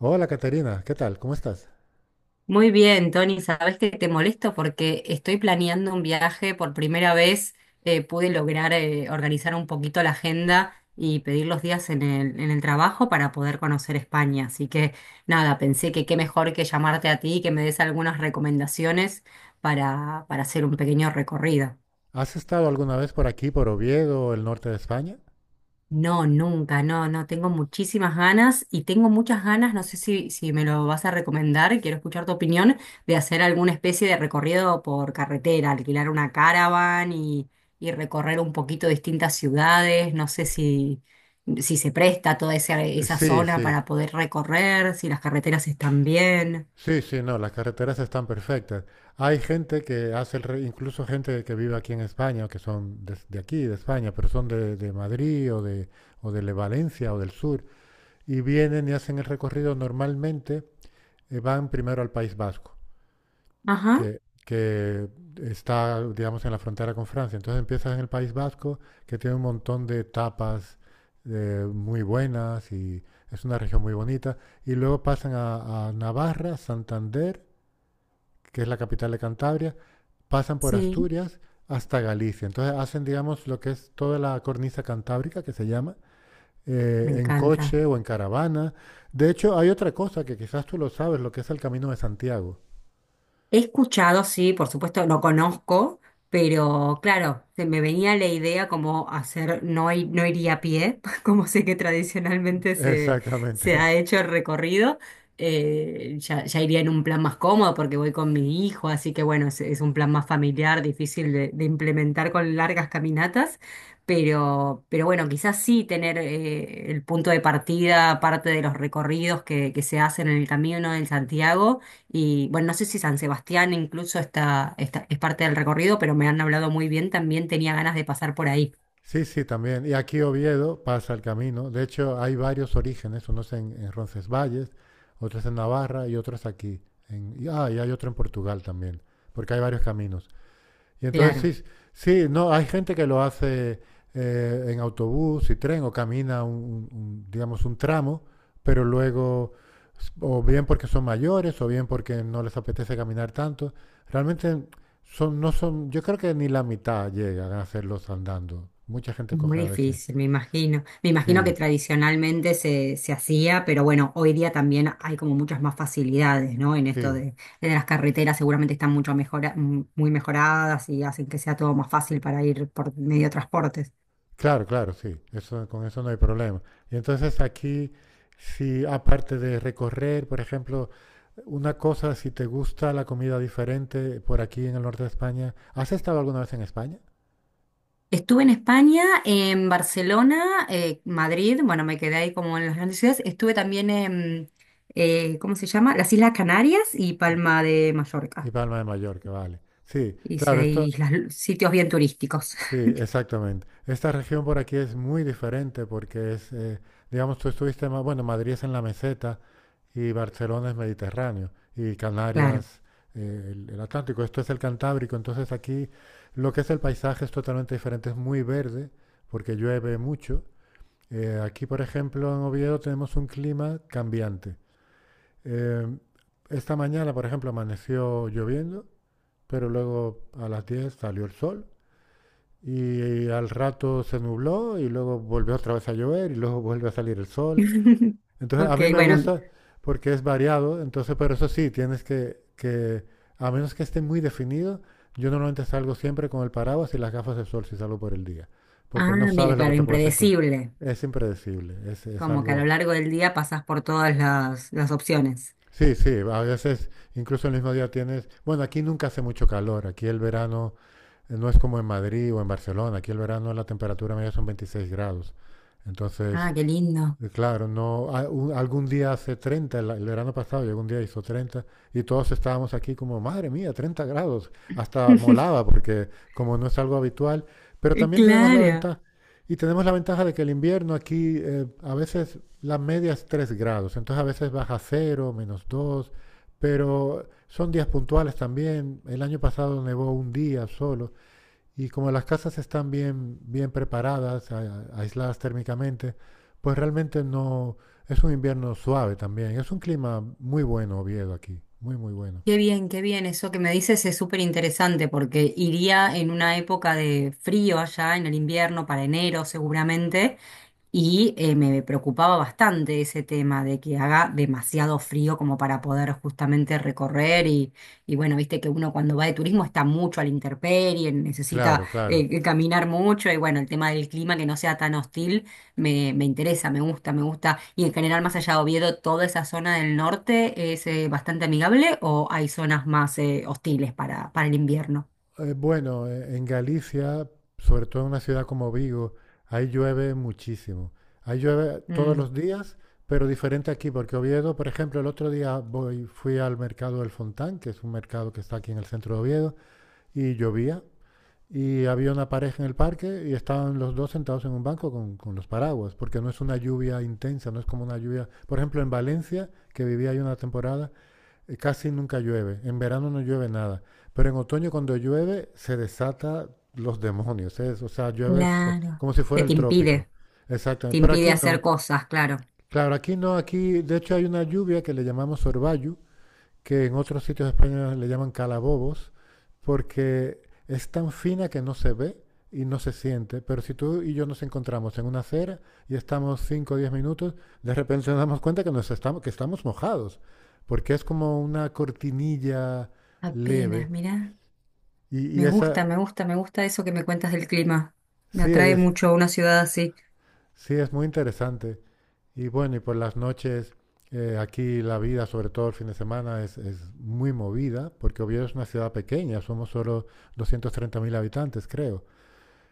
Hola Caterina, ¿qué tal? ¿Cómo estás? Muy bien, Tony, sabes que te molesto porque estoy planeando un viaje. Por primera vez pude lograr organizar un poquito la agenda y pedir los días en el trabajo para poder conocer España. Así que nada, pensé que qué mejor que llamarte a ti y que me des algunas recomendaciones para hacer un pequeño recorrido. ¿Has estado alguna vez por aquí, por Oviedo, el norte de España? No, nunca, no, no, tengo muchísimas ganas y tengo muchas ganas, no sé si me lo vas a recomendar, quiero escuchar tu opinión, de hacer alguna especie de recorrido por carretera, alquilar una caravan y recorrer un poquito distintas ciudades, no sé si, si se presta toda Eh, esa Sí, zona sí, para poder recorrer, si las carreteras están bien. sí, no, las carreteras están perfectas. Hay gente que hace, incluso gente que vive aquí en España, que son de aquí, de España, pero son de Madrid o de Valencia o del sur, y vienen y hacen el recorrido normalmente, van primero al País Vasco. Ajá, Que está, digamos, en la frontera con Francia. Entonces empiezas en el País Vasco, que tiene un montón de tapas muy buenas, y es una región muy bonita. Y luego pasan a Navarra, Santander, que es la capital de Cantabria, pasan por sí, Asturias hasta Galicia. Entonces hacen, digamos, lo que es toda la cornisa cantábrica, que se llama, me en encanta. coche o en caravana. De hecho, hay otra cosa que quizás tú lo sabes, lo que es el Camino de Santiago. He escuchado, sí, por supuesto, lo conozco, pero claro, se me venía la idea como hacer, no, no iría a pie, como sé que tradicionalmente se Exactamente. ha hecho el recorrido, ya iría en un plan más cómodo porque voy con mi hijo, así que bueno, es un plan más familiar, difícil de implementar con largas caminatas, pero bueno, quizás sí tener el punto de partida, parte de los recorridos que se hacen en el camino en Santiago. Y bueno, no sé si San Sebastián incluso es parte del recorrido, pero me han hablado muy bien, también tenía ganas de pasar por ahí. Sí, sí, también. Y aquí Oviedo pasa el camino. De hecho, hay varios orígenes, unos en Roncesvalles, otros en Navarra y otros aquí. Y, ah, y hay otro en Portugal también, porque hay varios caminos. Y entonces Claro, sí, sí, no, hay gente que lo hace en autobús y tren o camina un, digamos, un tramo, pero luego, o bien porque son mayores o bien porque no les apetece caminar tanto, realmente son, no son, yo creo que ni la mitad llegan a hacerlos andando. Mucha gente es coge muy a veces. difícil, me imagino. Me imagino que Sí, tradicionalmente se hacía, pero bueno, hoy día también hay como muchas más facilidades, ¿no? En esto sí, de, de las carreteras seguramente están muy mejoradas y hacen que sea todo más fácil para ir por medio de transportes. claro, claro, sí, eso, con eso no hay problema. Y entonces aquí, si aparte de recorrer, por ejemplo, una cosa, si te gusta la comida diferente por aquí en el norte de España, ¿has estado alguna vez en España? Estuve en España, en Barcelona, Madrid, bueno, me quedé ahí como en las grandes ciudades. Estuve también en, ¿cómo se llama? Las Islas Canarias y Palma de Y Mallorca. Palma de Mallorca, vale. Sí, Hice claro, esto, ahí sitios bien turísticos, sí, exactamente. Esta región por aquí es muy diferente porque es, digamos, tú estuviste más, bueno, Madrid es en la meseta y Barcelona es Mediterráneo y claro. Canarias, el Atlántico, esto es el Cantábrico, entonces aquí lo que es el paisaje es totalmente diferente, es muy verde porque llueve mucho. Aquí, por ejemplo, en Oviedo tenemos un clima cambiante. Eh, esta mañana, por ejemplo, amaneció lloviendo, pero luego a las 10 salió el sol, y al rato se nubló y luego volvió otra vez a llover y luego vuelve a salir el sol. Entonces a Ok, mí me bueno. gusta porque es variado. Entonces, pero eso sí, tienes que, a menos que esté muy definido, yo normalmente salgo siempre con el paraguas y las gafas de sol si salgo por el día, porque Ah, no mira, sabes lo que claro, te puedes encontrar. impredecible. Es impredecible, es Como que a lo algo. largo del día pasas por todas las opciones. Sí, sí, a veces incluso el mismo día tienes, bueno, aquí nunca hace mucho calor, aquí el verano no es como en Madrid o en Barcelona, aquí el verano la temperatura media son 26 grados, entonces Ah, qué lindo. Claro, no, algún día hace treinta, el verano pasado, llegó un día hizo treinta, y todos estábamos aquí como, madre mía, 30 grados, hasta molaba porque como no es algo habitual, pero también tenemos la Claro. ventaja, y tenemos la ventaja de que el invierno aquí a veces la media es 3 grados, entonces a veces baja cero, menos 2, pero son días puntuales también, el año pasado nevó un día solo, y como las casas están bien, bien preparadas, aisladas térmicamente, pues realmente no, es un invierno suave también. Es un clima muy bueno, Oviedo, aquí. Muy, muy bueno. Qué bien, qué bien. Eso que me dices es súper interesante porque iría en una época de frío allá en el invierno, para enero seguramente, y me preocupaba bastante ese tema de que haga demasiado frío como para poder justamente recorrer y bueno, viste que uno cuando va de turismo está mucho a la intemperie, necesita Claro, claro. Caminar mucho y bueno, el tema del clima que no sea tan hostil me, me interesa, me gusta, me gusta. Y en general, más allá de Oviedo, toda esa zona del norte es bastante amigable o hay zonas más hostiles para el invierno. Bueno, en Galicia, sobre todo en una ciudad como Vigo, ahí llueve muchísimo. Ahí llueve todos Mm. los días, pero diferente aquí, porque Oviedo, por ejemplo, el otro día voy, fui al mercado del Fontán, que es un mercado que está aquí en el centro de Oviedo, y llovía, y había una pareja en el parque y estaban los dos sentados en un banco con los paraguas, porque no es una lluvia intensa, no es como una lluvia. Por ejemplo, en Valencia, que vivía ahí una temporada, casi nunca llueve, en verano no llueve nada, pero en otoño cuando llueve se desata los demonios, o sea, llueve Claro. como si Que fuera el trópico. Te Exactamente, pero impide aquí hacer no. cosas, claro. Claro, aquí no, aquí de hecho hay una lluvia que le llamamos orvallo, que en otros sitios de España le llaman calabobos, porque es tan fina que no se ve y no se siente. Pero si tú y yo nos encontramos en una acera y estamos 5 o 10 minutos, de repente nos damos cuenta que, nos estamos, que estamos mojados, porque es como una cortinilla Apenas, leve. mirá. Y Me gusta, esa me gusta, me gusta eso que me cuentas del clima. Me sí atrae es, mucho una ciudad así. sí es muy interesante. Y bueno, y por las noches, aquí la vida, sobre todo el fin de semana, es muy movida, porque Oviedo es una ciudad pequeña, somos solo 230.000 habitantes, creo.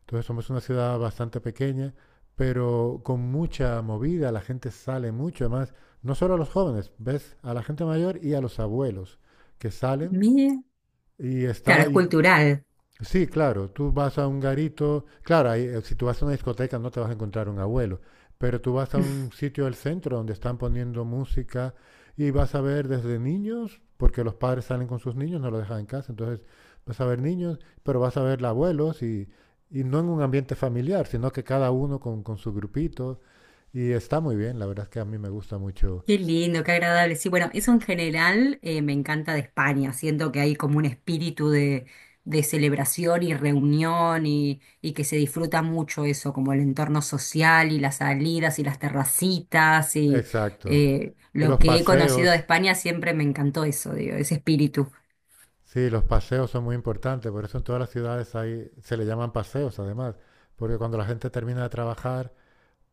Entonces somos una ciudad bastante pequeña, pero con mucha movida, la gente sale mucho, además, no solo a los jóvenes, ves a la gente mayor y a los abuelos que salen Mira, y claro, está es y cultural. sí, claro, tú vas a un garito, claro, ahí, si tú vas a una discoteca no te vas a encontrar un abuelo, pero tú vas a un sitio del centro donde están poniendo música y vas a ver desde niños, porque los padres salen con sus niños, no los dejan en casa, entonces vas a ver niños, pero vas a ver abuelos y no en un ambiente familiar, sino que cada uno con su grupito, y está muy bien, la verdad es que a mí me gusta mucho. Qué lindo, qué agradable. Sí, bueno, eso en general me encanta de España. Siento que hay como un espíritu de celebración y reunión y que se disfruta mucho eso, como el entorno social y las salidas y las terracitas y Exacto. Y lo los que he conocido de paseos. España siempre me encantó eso, digo, ese espíritu. Sí, los paseos son muy importantes, por eso en todas las ciudades hay, se le llaman paseos además, porque cuando la gente termina de trabajar,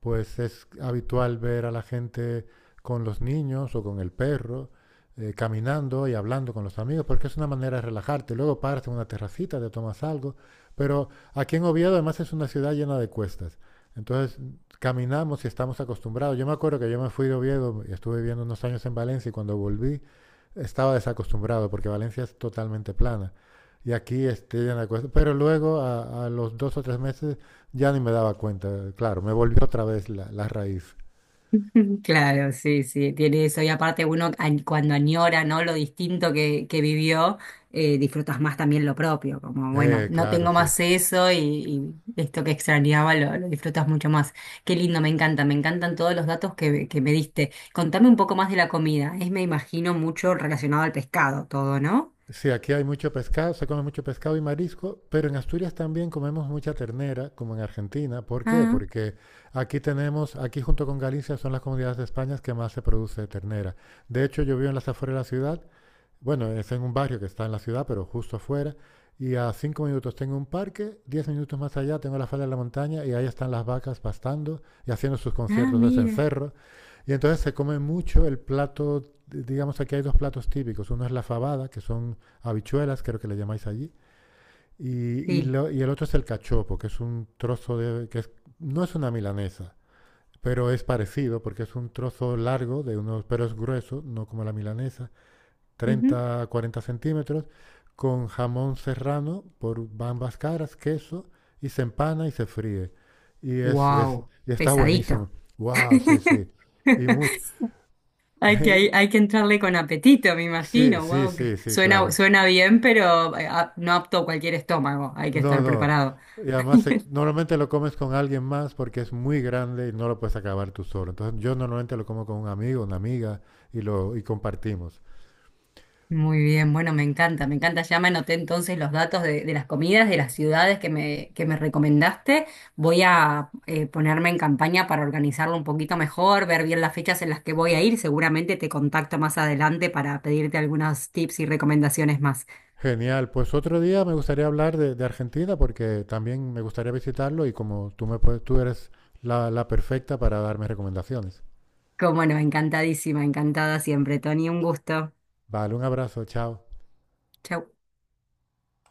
pues es habitual ver a la gente con los niños o con el perro, caminando y hablando con los amigos, porque es una manera de relajarte. Luego paras en una terracita, te tomas algo, pero aquí en Oviedo además es una ciudad llena de cuestas. Entonces caminamos y estamos acostumbrados. Yo me acuerdo que yo me fui de Oviedo y estuve viviendo unos años en Valencia y cuando volví estaba desacostumbrado porque Valencia es totalmente plana. Y aquí estoy en la cuesta. Pero luego, los dos o tres meses, ya ni me daba cuenta. Claro, me volvió otra vez la raíz. Claro, sí, sí, tiene eso. Y aparte cuando añora, ¿no? Lo distinto que vivió, disfrutas más también lo propio, como, bueno, no Claro, tengo sí. más eso y esto que extrañaba lo disfrutas mucho más. Qué lindo, me encanta, me encantan todos los datos que me diste. Contame un poco más de la comida. Es, me imagino, mucho relacionado al pescado, todo, ¿no? Sí, aquí hay mucho pescado, se come mucho pescado y marisco, pero en Asturias también comemos mucha ternera, como en Argentina. ¿Por qué? Ah, Porque aquí tenemos, aquí junto con Galicia son las comunidades de España que más se produce ternera. De hecho, yo vivo en las afueras de la ciudad. Bueno, es en un barrio que está en la ciudad, pero justo afuera. Y a 5 minutos tengo un parque, 10 minutos más allá tengo la falda de la montaña y ahí están las vacas pastando y haciendo sus ah, conciertos de mira. cencerro. Y entonces se come mucho el plato, digamos aquí hay dos platos típicos. Uno es la fabada, que son habichuelas, creo que le llamáis allí. Y, Sí. Y el otro es el cachopo, que es un trozo de, no es una milanesa, pero es parecido porque es un trozo largo de unos, pero es grueso, no como la milanesa. 30, 40 centímetros, con jamón serrano por ambas caras, queso, y se empana y se fríe. Y, es, Wow, y está buenísimo. pesadito. ¡Wow! Sí, sí. Y mucho. Hay que entrarle con apetito, me Sí, imagino. sí, Wow, sí, sí, claro. suena bien, pero no apto a cualquier estómago. Hay que No, estar no. preparado. Y además, normalmente lo comes con alguien más porque es muy grande y no lo puedes acabar tú solo. Entonces, yo normalmente lo como con un amigo, una amiga, y lo y compartimos. Muy bien, bueno, me encanta, me encanta. Ya me anoté entonces los datos de las comidas, de las ciudades que me recomendaste. Voy a ponerme en campaña para organizarlo un poquito mejor, ver bien las fechas en las que voy a ir. Seguramente te contacto más adelante para pedirte algunos tips y recomendaciones más. Genial, pues otro día me gustaría hablar de Argentina porque también me gustaría visitarlo y como tú, me puedes- tú eres la, la perfecta para darme recomendaciones. Como no, encantadísima, encantada siempre, Tony. Un gusto. Vale, un abrazo, chao. Chau.